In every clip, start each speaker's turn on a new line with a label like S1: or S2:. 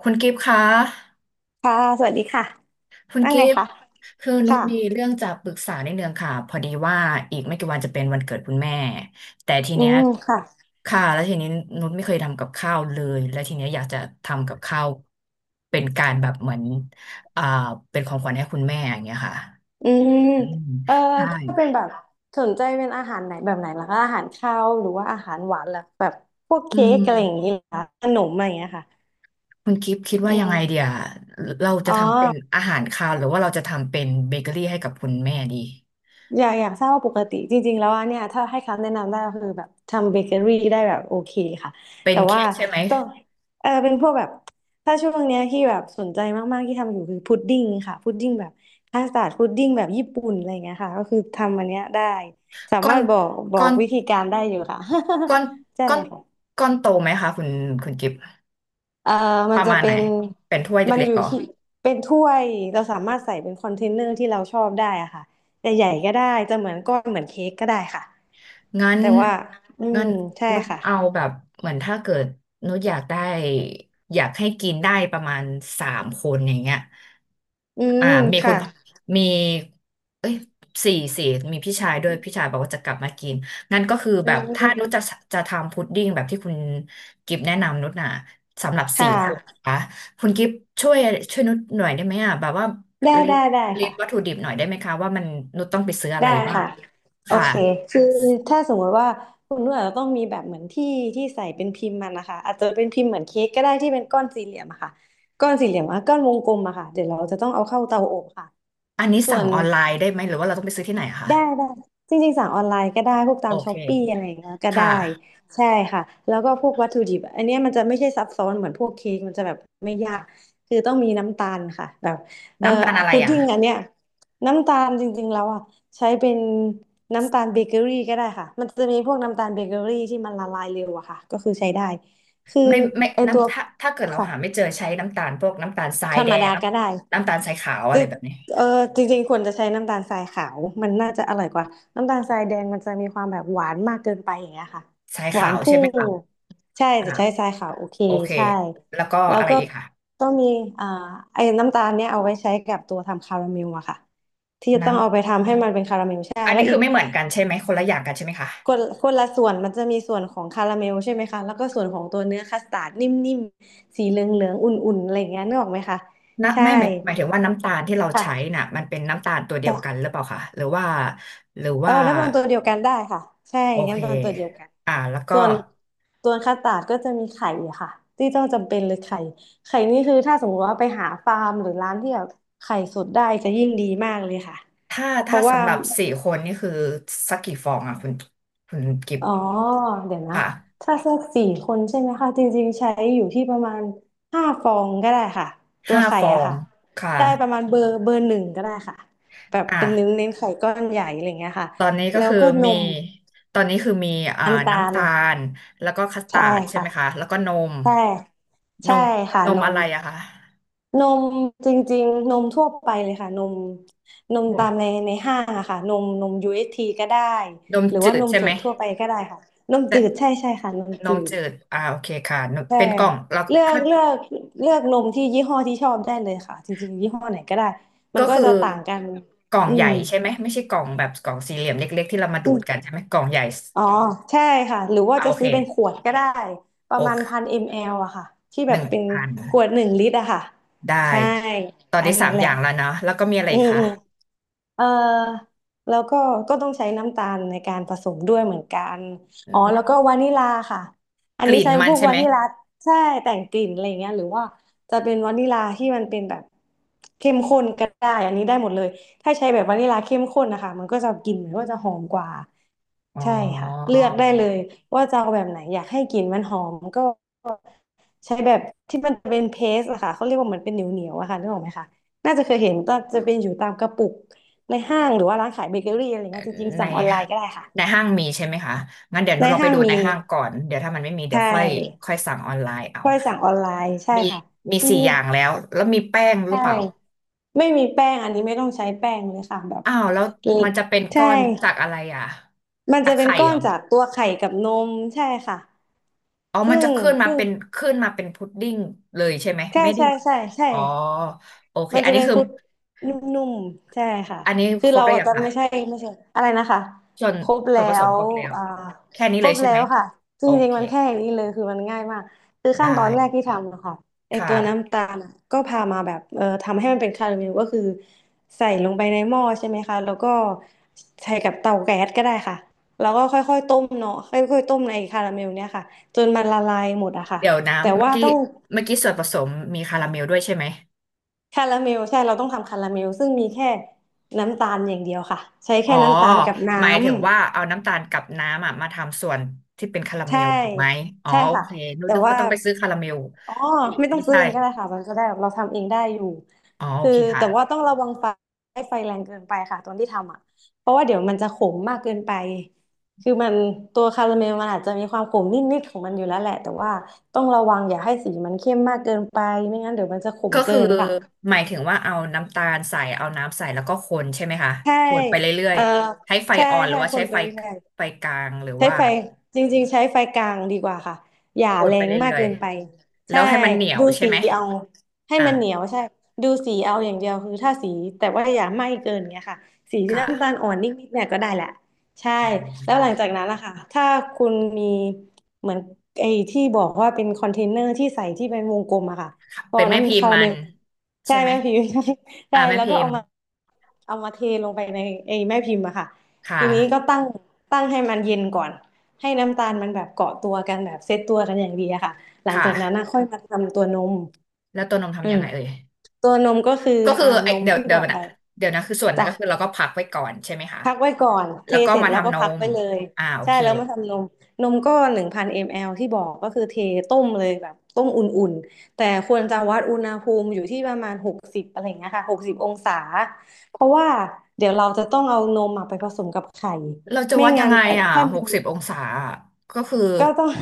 S1: คุณกิฟต์คะ
S2: ค่ะสวัสดีค่ะ
S1: คุณ
S2: ว่า
S1: กิ
S2: ไง
S1: ฟต์
S2: คะ
S1: คือนุชมี
S2: ค่ะ
S1: เรื่องจะปรึกษานิดนึงค่ะพอดีว่าอีกไม่กี่วันจะเป็นวันเกิดคุณแม่แต่ที
S2: อื
S1: เนี้ย
S2: มค่ะ
S1: ค่ะแล้วทีนี้นุชไม่เคยทำกับข้าวเลย แล้วทีเนี้ยอยากจะทำกับข้าว เป็นการแบบเหมือนอ่าเป็นของขวัญให้คุณแม่อย่างเงี้ยค่ะ
S2: อืม
S1: อืม
S2: เอ่อ
S1: ใช่
S2: ถ้าเป็นแบบสนใจเป็นอาหารไหนแบบไหนล่ะคะอาหารคาวหรือว่าอาหารหวานล่ะแบบพวก
S1: อื
S2: เค้กอะไรอย่างนี้
S1: ม
S2: ล่ะขนมอะไรอย่างเงี้ยค่ะ
S1: คุณกิฟต์คิด
S2: อื
S1: ว่ายังไงเดี
S2: ม
S1: ยเรา
S2: อ๋
S1: จะ
S2: อ
S1: ทำเป็นอาหารคาวหรือว่าเราจะทำเป็นเบเกอรี่ให้กับคุณแม่ดี
S2: อยากทราบว่าปกติจริงๆแล้วอะเนี่ยถ้าให้คำแนะนำได้ก็คือแบบทำเบเกอรี่ได้แบบโอเคค่ะ
S1: เป็น
S2: แต่
S1: เค้
S2: ว่า
S1: กใช่ไหม
S2: ต้องเออเป็นพวกแบบถ้าช่วงเนี้ยที่แบบสนใจมากๆที่ทำอยู่คือพุดดิ้งค่ะพุดดิ้งแบบคัสตาร์ดพุดดิ้งแบบญี่ปุ่นอะไรเงี้ยค่ะก็คือทำอันเนี้ยได้สา
S1: ก้อ
S2: มา
S1: น
S2: รถบอกบอ
S1: ก้อ
S2: ก
S1: น
S2: วิธีการได้อยู่ค่ะ
S1: ก้อน
S2: ใช่
S1: ก้อนก้อนโตไหมคะคุณกิฟ
S2: เอ่อมั
S1: ป
S2: น
S1: ระ
S2: จะ
S1: มาณ
S2: เป็
S1: ไหน
S2: น
S1: เป็นถ้วย
S2: มัน
S1: เล็
S2: อ
S1: กๆ
S2: ยู่
S1: เหรอ
S2: ที่เป็นถ้วยเราสามารถใส่เป็นคอนเทนเนอร์ที่เราชอบได้อะค่ะใหญ่ๆก็ได้จะเหมือนก้อนเหมือนเค้กก็ได้ค่ะ
S1: งั้น
S2: แต่ว่าอื
S1: งั้
S2: ม
S1: น
S2: ใช่
S1: นุก
S2: ค่ะ
S1: เอาแบบเหมือนถ้าเกิดนุกอยากได้อยากให้กินได้ประมาณ3 คนอย่างเงี้ย
S2: อื
S1: อ่า
S2: ม
S1: มีคุ
S2: ค่ะ
S1: ณพ่อมีเอ้ยสี่มีพี่ชายด้วยพี่ชายบอกว่าจะกลับมากินงั้นก็คือ
S2: อื
S1: แบบถ้านุช
S2: ม
S1: จะทำพุดดิ้งแบบที่คุณกิฟแนะนำนุชน่ะสำหรับ
S2: ค่
S1: สี่คนนะ
S2: ะ
S1: คะคุณกิฟช่วยช่วยนุชหน่อยได้ไหมอ่ะแบบว่า
S2: ได้
S1: ลิส
S2: ได้
S1: ต์
S2: ได้
S1: ลิส
S2: ค่ะ
S1: ต์วัตถุดิบหน่อยได้ไหมคะว่ามันนุชต้องไปซื้ออะไร
S2: ได้
S1: บ้าง
S2: ค่ะโอ
S1: ค่ะ
S2: เคคือถ้าสมมติว่าคุณนุ่นอาจจะต้องมีแบบเหมือนที่ใส่เป็นพิมพ์มันนะคะอาจจะเป็นพิมพ์เหมือนเค้กก็ได้ที่เป็นก้อนสี่เหลี่ยมอะค่ะก้อนสี่เหลี่ยมอะก้อนวงกลมอะค่ะเดี๋ยวเราจะต้องเอาเข้าเตาอบค่ะ
S1: อันนี้
S2: ส่ว
S1: สั่ง
S2: น
S1: ออนไลน์ได้ไหมหรือว่าเราต้องไปซื้อที่ไหนอะคะ
S2: ได้จริงๆสั่งออนไลน์ก็ได้พวกตา
S1: โอ
S2: มช้
S1: เค
S2: อปปี้อะไรอย่างเงี้ยก็
S1: ค
S2: ได้
S1: ่ะ
S2: ใช่ค่ะแล้วก็พวกวัตถุดิบอันเนี้ยมันจะไม่ใช่ซับซ้อนเหมือนพวกเค้กมันจะแบบไม่ยากคือต้องมีน้ำตาลค่ะแบบเอ่อ
S1: น้ำตาลอะไร
S2: พุด
S1: อ่ะ
S2: ดิ้งอันเนี้ยน้ำตาลจริงๆแล้วอ่ะใช้เป็นน้ำตาลเบเกอรี่ก็ได้ค่ะมันจะมีพวกน้ำตาลเบเกอรี่ที่มันละลายเร็วอะค่ะก็คือใช้ได้คือ
S1: ไม่ไม่
S2: ไอตัว
S1: น้ำถ้าเกิดเรา
S2: ค่ะ
S1: หาไม่เจอใช้น้ำตาลพวกน้ำตาลทรา
S2: ธ
S1: ย
S2: ร
S1: แด
S2: รม
S1: ง
S2: ดา
S1: น้
S2: ก็ได้
S1: ำน้ำตาลทรายขาว
S2: จ
S1: อะไร
S2: ริง
S1: แบบนี้
S2: เออจริงๆควรจะใช้น้ำตาลทรายขาวมันน่าจะอร่อยกว่าน้ำตาลทรายแดงมันจะมีความแบบหวานมากเกินไปอย่างเงี้ยค่ะ
S1: ทราย
S2: หวา
S1: ขา
S2: น
S1: วใช่
S2: พุ่
S1: ไหม
S2: ง
S1: คะ
S2: ใช่
S1: อ่า
S2: จะใช้ทรายขาวโอเค
S1: โอเค
S2: ใช่
S1: แล้วก็
S2: แล้ว
S1: อะไร
S2: ก็
S1: อีกค่ะ
S2: ต้องมีอ่าไอ้น้ำตาลเนี่ยเอาไว้ใช้กับตัวทำคาราเมลอะค่ะ
S1: น้ำ
S2: ทำให้มัน
S1: อันนี้คือไม่เหมือนกันใช่ไหมคนละอย่างกันใช่ไหมคะ
S2: คนละส่วนมันจะมีส่วนของคาราเมลใช่ไหมคะแล้วก็ส่วนของตัวเนื้อคัสตาร์ดนิ่มๆสีเหลืองๆอุ่นๆอะไรอย่างเงี้ยนึกออกไหมคะ
S1: นะ
S2: ใช่
S1: ไม่หมายถึงว่าน้ำตาลที่เราใช้
S2: ค่ะ
S1: น่ะมันเป็นน้ำตาลตัวเดียวกันหรือเปล่าคะหรือว่าหรือ
S2: เออ
S1: ว่า
S2: น้ำตาลตัวเดียวกันได้ค่ะใช่
S1: โอเค
S2: น้ำตาลตัวเดียวกัน
S1: อ่าแล้วก็
S2: ส่วนส่วนคัสตาร์ดก็จะมีไข่อะค่ะที่ต้องจำเป็นเลยไข่ไข่นี่คือถ้าสมมติว่าไปหาฟาร์มหรือร้านที่แบบไข่สดได้จะยิ่งดีมากเลยค่ะ
S1: ถ้า
S2: เพ
S1: ถ้า
S2: ราะว่า
S1: สำหรับ4 คนนี่คือสักกี่ฟองอ่ะคุณกิฟ
S2: อ๋อเดี๋ยวนะ
S1: ค่ะ
S2: ถ้าสักสี่คนใช่ไหมคะจริงๆใช้อยู่ที่ประมาณ5 ฟองก็ได้ค่ะตัว
S1: ห้า
S2: ไข่
S1: ฟอ
S2: อะ
S1: ง
S2: ค่ะ
S1: ค่ะ
S2: ได้ประมาณเบอร์หนึ่งก็ได้ค่ะแบบ
S1: อ่ะ
S2: เป็นเน้นไข่ก้อนใหญ่อะไรเงี้ยค่ะ
S1: ตอนนี้ก็
S2: แล้ว
S1: คือ
S2: ก็น
S1: มี
S2: ม
S1: ตอนนี้คือมีอ่า
S2: น้ำตา
S1: น้ำ
S2: ล
S1: ตาลแล้วก็คัสตา
S2: ใช่
S1: ร์ดใช่ไห
S2: ค่ะ
S1: มคะแล้วก็นม
S2: ใช่
S1: น
S2: ใช่
S1: ม
S2: ค่ะ
S1: น
S2: น
S1: มอะ
S2: ม
S1: ไรอะคะ
S2: นมจริงๆนมทั่วไปเลยค่ะนมนม
S1: นม
S2: ตามในห้างอะค่ะนมนม UHT ก็ได้
S1: นม
S2: หรือ
S1: จื
S2: ว่า
S1: ด
S2: นม
S1: ใช่
S2: ส
S1: ไหม
S2: ดทั่วไปก็ได้ค่ะนม
S1: แต่
S2: จืดใช่ใช่ค่ะนม
S1: น
S2: จื
S1: ม
S2: ด
S1: จืดอ่าโอเคค่ะนม
S2: ใช่
S1: เป็นกล่องแล้ว
S2: เลือก
S1: ถ้า
S2: เลือกเลือกนมที่ยี่ห้อที่ชอบได้เลยค่ะจริงๆยี่ห้อไหนก็ได้มั
S1: ก็
S2: นก็
S1: คือ
S2: จะต่างกัน
S1: กล่อง
S2: อื
S1: ให
S2: ม
S1: ญ่ใช่ไหมไม่ใช่กล่องแบบกล่องสี่เหลี่ยมเล็กๆที่เรามาดูดกันใช่ไหมกล่องใหญ่
S2: อ๋อใช่ค่ะหรือว่า
S1: อ่า
S2: จะ
S1: โอเค
S2: ซื้อเป็นขวดก็ได้ป
S1: โอ
S2: ระมาณ
S1: เค
S2: พันมลอะค่ะที่
S1: ห
S2: แบบ
S1: นึ่ง
S2: เป็น
S1: พัน
S2: ขวด1 ลิตรอะค่ะ
S1: ได้
S2: ใช่
S1: ตอน
S2: อั
S1: นี้
S2: น
S1: สา
S2: นั้
S1: ม
S2: นแห
S1: อ
S2: ละ
S1: ย่างแล้วเนาะแล้วก็มีอะไร
S2: อื
S1: อีก
S2: ม
S1: คะ
S2: อืมเอ่อแล้วก็ก็ต้องใช้น้ำตาลในการผสมด้วยเหมือนกันอ๋อแล้วก็วานิลาค่ะอัน
S1: ก
S2: นี้
S1: ลิ่น
S2: ใช้
S1: มั
S2: พ
S1: น
S2: วก
S1: ใช่
S2: วา
S1: ไหม
S2: นิลาใช่แต่งกลิ่นอะไรเงี้ยหรือว่าจะเป็นวานิลาที่มันเป็นแบบเข้มข้นก็ได้อันนี้ได้หมดเลยถ้าใช้แบบวานิลาเข้มข้นนะคะมันก็จะกลิ่นมันก็จะหอมกว่า
S1: อ๋อ
S2: ใช่ค่ะเลือกได้เลยว่าจะเอาแบบไหนอยากให้กลิ่นมันหอมก็ใช้แบบที่มันเป็นเพสอะค่ะเขาเรียกว่าเหมือนเป็นเหนียวๆอะค่ะนึกออกไหมคะ น่าจะเคยเห็นก็จะเป็นอยู่ตามกระปุกในห้างหรือว่าร้านขายเบเกอรี่อะไรเงี้ยจริงๆ
S1: ใน
S2: สั่งออนไลน์ก็ได้ค่ะ
S1: ในห้างมีใช่ไหมคะงั้นเดี๋ยวนุ
S2: ใน
S1: ชลองไป
S2: ห้าง
S1: ดูใน
S2: มี
S1: ห้างก่อนเดี๋ยวถ้ามันไม่มีเดี๋ย
S2: ใช่
S1: วค่อยค่อยสั่งออนไลน์เอา
S2: ค่อยสั่งออนไลน์ใช่
S1: มี
S2: ค่ะ
S1: มี
S2: ที่
S1: สี่
S2: นี่
S1: อย่างแล้วแล้วมีแป้ง
S2: ใช
S1: หรือเปล่า
S2: ่ไม่มีแป้งอันนี้ไม่ต้องใช้แป้งเลยค่ะแบบ
S1: อ้าวแล้ว
S2: เลิน
S1: มันจะเป็น
S2: ใช่
S1: ก้อนจากอะไรอ่ะ
S2: มัน
S1: จา
S2: จะ
S1: ก
S2: เป็น
S1: ไข่
S2: ก้อ
S1: เหร
S2: น
S1: อ
S2: จากตัวไข่กับนมใช่ค่ะ
S1: อ๋อ
S2: ซึ่
S1: มันจะ
S2: ง
S1: ขึ้นมา
S2: ซึ่ง
S1: เป็นขึ้นมาเป็นพุดดิ้งเลยใช่ไหม
S2: ใช่
S1: ไม่ได้
S2: ใช่ใช่ใช่
S1: อ๋อโอเค
S2: มัน
S1: อั
S2: จะ
S1: นนี้
S2: เป็น
S1: คือ
S2: คุดนุ่มๆใช่ค่ะ
S1: อันนี้
S2: คื
S1: ค
S2: อ
S1: รบ
S2: เรา
S1: แล้ว
S2: อาจ
S1: ยัง
S2: จะ
S1: คะ
S2: ไม่ใช่อะไรนะคะ
S1: ส่วน
S2: ครบ
S1: ส่
S2: แล้
S1: วนผสม
S2: ว
S1: ครบแล้ว
S2: อ่า
S1: แค่นี้
S2: ค
S1: เล
S2: ร
S1: ย
S2: บ
S1: ใช่
S2: แล้
S1: ไหม
S2: วค่ะจ
S1: โอ
S2: ริง
S1: เค
S2: ๆมันแค่อย่างนี้เลยคือมันง่ายมากคือ
S1: ได้
S2: ขั้นตอนแรกที่ทำนะค่ะไอ
S1: ค่ะ
S2: ตัวน้ำตาลอะก็พามาแบบทำให้มันเป็นคาราเมลก็คือใส่ลงไปในหม้อใช่ไหมคะแล้วก็ใส่กับเตาแก๊สก็ได้ค่ะแล้วก็ค่อยๆต้มเนาะค่อยๆต้มในคาราเมลเนี่ยค่ะจนมันละลายหมดอะค่ะ
S1: เดี๋ยวนะ
S2: แต่
S1: เมื่อ
S2: ว่า
S1: กี้
S2: ต้อง
S1: เมื่อกี้ส่วนผสมมีคาราเมลด้วยใช่ไหม
S2: คาราเมลใช่เราต้องทำคาราเมลซึ่งมีแค่น้ำตาลอย่างเดียวค่ะใช้
S1: อ๋อ
S2: แค่น้ำตาลกับน้
S1: หมายถึงว่าเอาน้ำตาลกับน้ำอ่ะมาทำส่วนที่เป็นคารา
S2: ำ
S1: เม
S2: ใช่
S1: ลถูกไหมอ๋อ
S2: ใช่
S1: โอ
S2: ค่ะ
S1: เคนึก
S2: แต่
S1: นึก
S2: ว่า
S1: ว่าต้องไปซื้อคาราเมล
S2: อ๋อ
S1: อีก
S2: ไม่ต้อ
S1: ไม่
S2: งซื้อ
S1: ใช่
S2: เองก็ได้ค่ะมันก็ได้เราทำเองได้อยู่
S1: อ๋อโอ
S2: คือ
S1: เคค่ะ
S2: แต่ว่าต้องระวังไฟให้ไฟแรงเกินไปค่ะตอนที่ทำอ่ะเพราะว่าเดี๋ยวมันจะขมมากเกินไปคือมันตัวคาราเมลมันอาจจะมีความขมนิดๆของมันอยู่แล้วแหละแต่ว่าต้องระวังอย่าให้สีมันเข้มมากเกินไปไม่งั้นเดี๋ยวมันจะขม
S1: ก็
S2: เกิ
S1: คือ
S2: นค่ะ
S1: หมายถึงว่าเอาน้ำตาลใส่เอาน้ำใส่แล้วก็คนใช่ไหมคะ
S2: ใช่
S1: คนไปเรื่อ
S2: เอ
S1: ย
S2: อ
S1: ๆใช้ไฟ
S2: ใช่
S1: อ่อนหรื
S2: ใช่
S1: อว่า
S2: ค
S1: ใช้
S2: นไป
S1: ไฟ
S2: เรื่อ
S1: ไฟ
S2: ย
S1: กลางหรือ
S2: ใช้
S1: ว่า
S2: ไฟจริงๆใช้ไฟกลางดีกว่าค่ะอย่า
S1: คน
S2: แร
S1: ไป
S2: งมาก
S1: เรื่อย
S2: เกินไป
S1: แล้
S2: ใช่
S1: วให้มันเหนียว
S2: ดู
S1: ใช่
S2: สี
S1: ไหม
S2: เอาให้
S1: อ่ะ
S2: มันเหนียวใช่ดูสีเอาอย่างเดียวคือถ้าสีแต่ว่าอย่าไหม้เกินเงี้ยค่ะสีที่น้ำตาล
S1: ค่ะ
S2: อ่อนนิดๆเนี่ยก็ได้แหละใช่แล้
S1: อ๋อ
S2: วหลังจากนั้นนะคะถ้าคุณมีเหมือนไอ้ที่บอกว่าเป็นคอนเทนเนอร์ที่ใส่ที่เป็นวงกลมอะค่ะพอ
S1: เป็นแม่พิ
S2: น้ำ
S1: ม
S2: คา
S1: พ์
S2: รา
S1: มั
S2: เม
S1: น
S2: ลใช่
S1: ใช่ไหม
S2: แม่พิมพ์ ใช่
S1: อ่ะแม่
S2: แล้ว
S1: พิ
S2: ก็
S1: ม
S2: เอา
S1: พ์
S2: มาเอามาเทลงไปในไอ้แม่พิมพ์อะค่ะ
S1: ค่ะ
S2: ทีนี้ก็ตั้งให้มันเย็นก่อน ให้น้ำตาลมันแบบเกาะตัวกันแบบเซตตัวกันอย่างดีอะค่ะ หลัง
S1: ค่ะ
S2: จากนั้นนะค่อยมาทำตัวนม
S1: แล้วตัวนม
S2: อื
S1: ทำยั
S2: ม
S1: งไงเอ่ย
S2: ตัวนมก็คือ
S1: ก็คือไอ
S2: นม
S1: เดี๋ยว
S2: ที่
S1: เดี๋ย
S2: บ
S1: ว
S2: อกไป
S1: นะเดี๋ยวนะคือส่วนนั้นก็คือ
S2: จ้ะ
S1: เราก็พักไว้ก่อนใช่ไหมคะ
S2: พักไว้ก่อนเท
S1: แล้วก็
S2: เสร็จ
S1: มา
S2: แล้วก็
S1: ทำน
S2: พัก
S1: ม
S2: ไว้เลย
S1: อ่าโอ
S2: ใช่
S1: เค
S2: แล้วมาทำนม นมก็1,000 มลที่บอกก็คือต้มเลยแบบต้มอุ่นๆแต่ควรจะวัดอุณหภูมิอยู่ที่ประมาณหกสิบอะไรอย่างเงี้ยค่ะหกสิบองศาเพราะว่าเดี๋ยวเราจะต้องเอานมอะไปผสมกับไข่
S1: เราจะ
S2: ไม่
S1: วัดยั
S2: งั้
S1: ง
S2: น
S1: ไง
S2: แต่
S1: อ่ะ
S2: ถ้า
S1: ห
S2: น
S1: ก
S2: ม
S1: สิบองศาอะก็คือ
S2: ก็ต้อง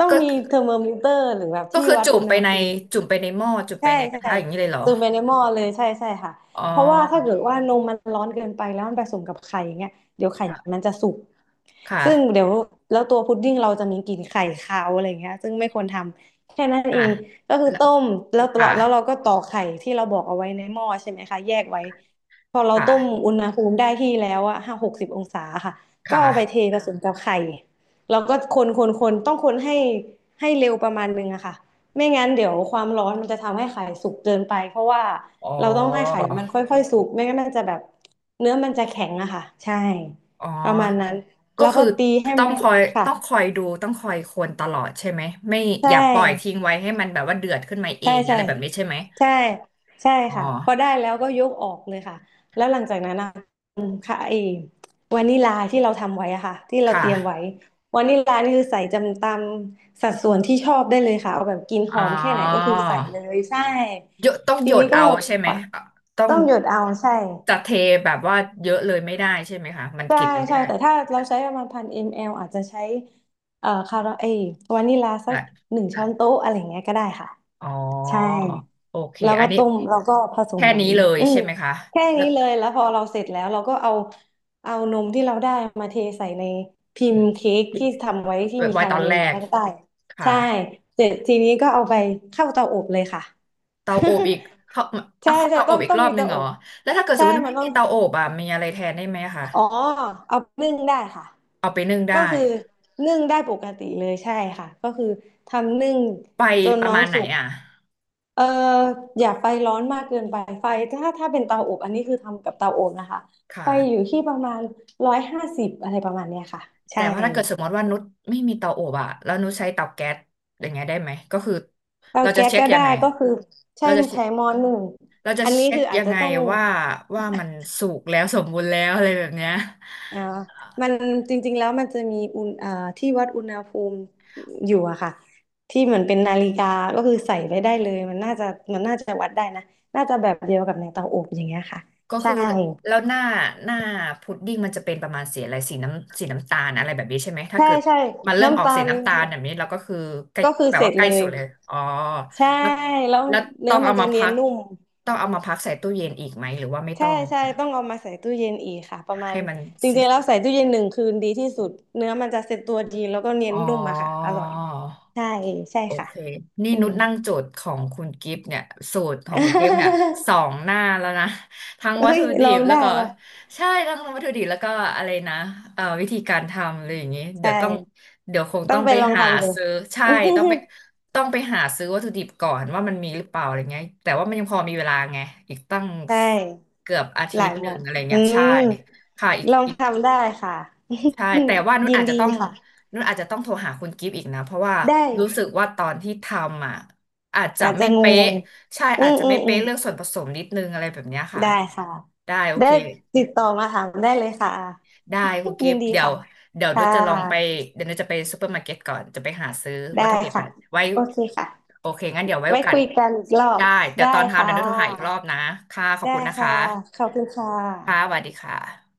S2: ต้อง
S1: ก็
S2: มี
S1: คือ
S2: เทอร์โมมิเตอร์หรือแบบ
S1: ก็
S2: ที่
S1: คือ
S2: วัดอุณหภูมิ
S1: จุ่มไปในหม้อจุ่มไป
S2: ใช่
S1: ในกระทะ
S2: ใช่
S1: อย่างนี้เลยเหรอ
S2: ซตมไปในหม้อเลยใช่ใช่ค่ะ
S1: อ๋อ
S2: เพราะว่าถ้าเกิดว่านมมันร้อนเกินไปแล้วมันผสมกับไข่อย่างเงี้ยเดี๋ยวไข่
S1: ค่ะ
S2: มันจะสุกซึ่ง
S1: ค่ะ
S2: เดี๋ยวแล้วตัวพุดดิ้งเราจะมีกลิ่นไข่คาวอะไรเงี้ยซึ่งไม่ควรทำแค่นั้น
S1: อ่ะ
S2: เองก็คือ
S1: แล้ว
S2: ต้มแล้ว
S1: ค่ะ
S2: แล้วเราก็ตอกไข่ที่เราบอกเอาไว้ในหม้อใช่ไหมคะแยกไว้พอเรา
S1: ค
S2: ต้ม
S1: ่ะ
S2: อุณหภูมิได้ที่แล้วอะ50-60องศาค่ะก็เอาไปเท
S1: ค่ะ
S2: ผสมกับไข่เราก็คนต้องคนให้ให้เร็วประมาณนึงอะค่ะ ไม่งั้นเดี๋ยวความร้อนมันจะทำให้ไข่สุกเกินไปเพราะว่า
S1: อ๋
S2: เราต้องให้ไข่
S1: อ
S2: มันค่อยๆสุกไม่งั้นมันจะแบบเนื้อมันจะแข็งอะค่ะใช่
S1: อ๋อ
S2: ประมาณนั้น
S1: ก็
S2: แล้ว
S1: คื
S2: ก็
S1: อ
S2: ตีให้
S1: ต้อง
S2: มัน
S1: คอย
S2: ค่ะ
S1: ต้องคอยดูต้องคอยคนตลอดใช่ไหมไม่
S2: ใช
S1: อย่าปล่อยทิ้ง
S2: ่
S1: ไว้ให้มันแบบว่าเดือดขึ้นมาเอ
S2: ใช่
S1: งอะ
S2: ใช่
S1: ไรแบบนี้ใช่ไหม
S2: ใช่ใช่
S1: อ๋
S2: ค่ะพอ
S1: อ
S2: ได้แล้วก็ยกออกเลยค่ะแล้วหลังจากนั้นนะค่ะไอ้วานิลาที่เราทำไว้อะค่ะที่เรา
S1: ค่ะ
S2: เตรียมไว้วานิลานี่คือใส่จำตามสัดส่วนที่ชอบได้เลยค่ะเอาแบบกินห
S1: อ๋
S2: อ
S1: อ
S2: มแค่ไหนก็คือใส่เลยใช่
S1: หยดต้องห
S2: ที
S1: ยด
S2: นี้ก็
S1: เอาใช่ไหมอ่ะต้อง
S2: ต้องหยดเอาใช่
S1: จะเทแบบว่าเยอะเลยไม่ได้ใช่ไหมคะมัน
S2: ใช่
S1: กลิ่นมันไม่
S2: ใช่
S1: ได้
S2: แต่ถ้าเราใช้ประมาณ1,000 ml อมแอลอาจจะใช้คาราเอยวานิลาสัก
S1: อ่ะ
S2: 1 ช้อนโต๊ะอะไรอย่างเงี้ยก็ได้ค่ะ
S1: อ๋อ
S2: ใช่
S1: โอเค
S2: แล้ว
S1: อั
S2: ก็
S1: นนี้
S2: ต้มแล้วก็ผสม
S1: แค่
S2: ไว้
S1: นี้เลย
S2: อืม
S1: ใช่ไหมคะ
S2: แค่
S1: แล้
S2: นี้
S1: ว
S2: เลยแล้วพอเราเสร็จแล้วเราก็เอานมที่เราได้มาเทใส่ในพิมพ์เค้กที่ทำไว้ที่มี
S1: ไว้
S2: คา
S1: ต
S2: รา
S1: อน
S2: เม
S1: แร
S2: ลอยู่
S1: ก
S2: ข้างใต้
S1: ค่ะ
S2: ใช่เสร็จทีนี้ก็เอาไปเข้าเตาอบเลยค่ะ
S1: เตาอบอีกเข้า เอา
S2: ใช่
S1: เข้า
S2: ใช่
S1: เตาอ
S2: ต้อ
S1: บ
S2: ง
S1: อีก
S2: ต้อง
S1: รอบ
S2: มี
S1: หนึ่
S2: เตา
S1: งเห
S2: อ
S1: รอ
S2: บ
S1: แล้วถ้าเกิดสม
S2: ใช่
S1: มติว่า
S2: มัน
S1: ไม่
S2: ต้อ
S1: มี
S2: ง
S1: เตาอบอ่ะมีอะไรแทนได้ไหมคะ
S2: อ๋อเอานึ่งได้ค่ะ
S1: เอาไปนึ่งได้
S2: ก็คือนึ่งได้ปกติเลยใช่ค่ะก็คือทำนึ่ง
S1: ไป
S2: จน
S1: ประ
S2: น้อง
S1: มาณไหน
S2: สุก
S1: อ่ะ
S2: เอ่ออย่าไฟร้อนมากเกินไปไฟถ้าเป็นเตาอบอันนี้คือทำกับเตาอบนะคะ
S1: ค
S2: ไฟอยู่
S1: ่ะ
S2: ที่ประมาณ150อะไรประมาณเนี้ยค่ะ
S1: แต่
S2: ใช่
S1: ว่าถ้าเกิดสมมติว่านุชไม่มีเตาอบอะแล้วนุชใช้เตาแก๊สอย่างเงี้ยได้ไหมก็คือ
S2: เตา
S1: เราจะ
S2: แก๊ส
S1: เช็ค
S2: ก็
S1: ยั
S2: ได้
S1: งไง
S2: ก็คือใช่
S1: เราจะเช็ค
S2: ใช้หม้อหนึ่ง
S1: เราจะ
S2: อันนี้
S1: เช็ค
S2: คืออาจ
S1: ยัง
S2: จะ
S1: ไง
S2: ต้อง
S1: ว่าว่ามันสุกแล้วสมบูรณ์แล้วอะไรแบบเนี้ย
S2: อ่ามันจริงๆแล้วมันจะมีอุณที่วัดอุณหภูมิอยู่อะค่ะที่เหมือนเป็นนาฬิกาก็คือใส่ไว้ได้เลยมันน่าจะวัดได้นะน่าจะแบบเดียวกับในเตาอบอย่างเงี้ยค่ะ
S1: ก็
S2: ใช่
S1: คือแล้วหน้าหน้าพุดดิ้งมันจะเป็นประมาณสีอะไรสีน้ำสีน้ำตาลอะไรแบบนี้ใช่ไหมถ้า
S2: ใช่
S1: เกิด
S2: ใช่
S1: มันเริ่มอ
S2: น้ำ
S1: อก
S2: ตา
S1: สี
S2: ล
S1: น้ำตาลแบบนี้เราก็คือใกล้
S2: ก็คือ
S1: แบบ
S2: เสร็
S1: ว่า
S2: จ
S1: ใกล้
S2: เลย
S1: สุดเลยอ๋อ
S2: ใช่
S1: แล้ว
S2: แล้ว
S1: แล้ว
S2: เนื้
S1: ต้อ
S2: อ
S1: ง
S2: มั
S1: เอา
S2: นจะ
S1: มา
S2: เนีย
S1: พั
S2: น
S1: ก
S2: นุ่ม
S1: ต้องเอามาพักใส่ตู้เย็นอีกไหมหรือว่าไม่ต้
S2: ใช่
S1: อง
S2: ใช่
S1: ค่ะ
S2: ต้องเอามาใส่ตู้เย็นอีกค่ะประมา
S1: ให้
S2: ณ
S1: มัน
S2: จ
S1: เสร็
S2: ริ
S1: จ
S2: งๆแล้วใส่ตู้เย็น1 คืนดีที่สุดเนื้อมันจะเซ็ตตัวดีแล้วก็เนีย
S1: อ๋
S2: น
S1: อ
S2: นุ่มอะค่ะอร่อยใช่ใช่
S1: โอ
S2: ค่ะ
S1: เคนี่
S2: อื
S1: นุ
S2: ม
S1: ชนั่งโจทย์ของคุณกิฟต์เนี่ยสูตรของ คุณกิฟต์เนี่ย2 หน้าแล้วนะ ทั้งวัต
S2: เฮ้ย
S1: ถุดิ
S2: ลอ
S1: บ
S2: ง
S1: แล้ว
S2: ได้
S1: ก็
S2: เหรอ
S1: ใช่ทั้งวัตถุดิบแล้วก็อะไรนะวิธีการทำอะไรอย่างงี้เดี๋
S2: ใช่
S1: ยวต้องเดี๋ยวคง
S2: ต้
S1: ต้
S2: อ
S1: อ
S2: ง
S1: ง
S2: ไป
S1: ไป
S2: ลอง
S1: หา
S2: ทำดู
S1: ซื้อใช่
S2: อือฮึ
S1: ต้องไปต้องไปหาซื้อวัตถุดิบก่อนว่ามันมีหรือเปล่าอะไรเงี้ยแต่ว่ามันยังพอมีเวลาไงอีกตั้ง
S2: ใช่
S1: เกือบอา
S2: ห
S1: ทิต
S2: ลาย
S1: ย์หนึ่
S2: วั
S1: ง
S2: น
S1: อะไร
S2: อื
S1: เงี้ยใช่
S2: ม
S1: ค่ะ
S2: ลอง
S1: อีก
S2: ทำได้ค่ะ
S1: ใช่แต่ว่า
S2: ยินดีค่ะ
S1: นุ่นอาจจะต้องโทรหาคุณกิฟต์อีกนะเพราะว่า
S2: ได้
S1: รู้สึกว่าตอนที่ทำอ่ะอาจจะ
S2: อาจจะ
S1: ไม่
S2: ง
S1: เป๊ะ
S2: ง
S1: ใช่
S2: ๆอื
S1: อาจ
S2: ม
S1: จะ
S2: อื
S1: ไม่
S2: มอืม
S1: เป๊ะเรื่องส่วนผสมนิดนึงอะไรแบบเนี้ยค่ะ
S2: ได้ค่ะ
S1: ได้โอ
S2: ได้
S1: เค
S2: ติดต่อมาถามได้เลยค่ะ
S1: ได้คุณ กิ
S2: ยิ
S1: ฟ
S2: น
S1: ต์
S2: ดี
S1: เดี๋ยว
S2: ค่ะ
S1: เดี๋ยว
S2: ค่
S1: นุ่นจะลองไป
S2: ะ
S1: เดี๋ยวนุ่นจะไปซูเปอร์มาร์เก็ตก่อนจะไปหาซื้อ
S2: ได้
S1: วัตถุดิบ
S2: ค่ะ
S1: อะไว้
S2: โอเคค่ะ
S1: โอเคงั้นเดี๋ยวไว้โอ
S2: ไว้
S1: กาส
S2: คุยกันอีกรอบ
S1: ได้เดี๋ย
S2: ได้
S1: วตอนทำ
S2: ค่
S1: เดี๋ยวนุ่นโทรหาอีกรอ
S2: ะ
S1: บนะค่ะขอบคุ
S2: ได้
S1: ณนะคะ
S2: ค่ะขอบคุณค่ะ
S1: ค่ะสวัสดีค่ะ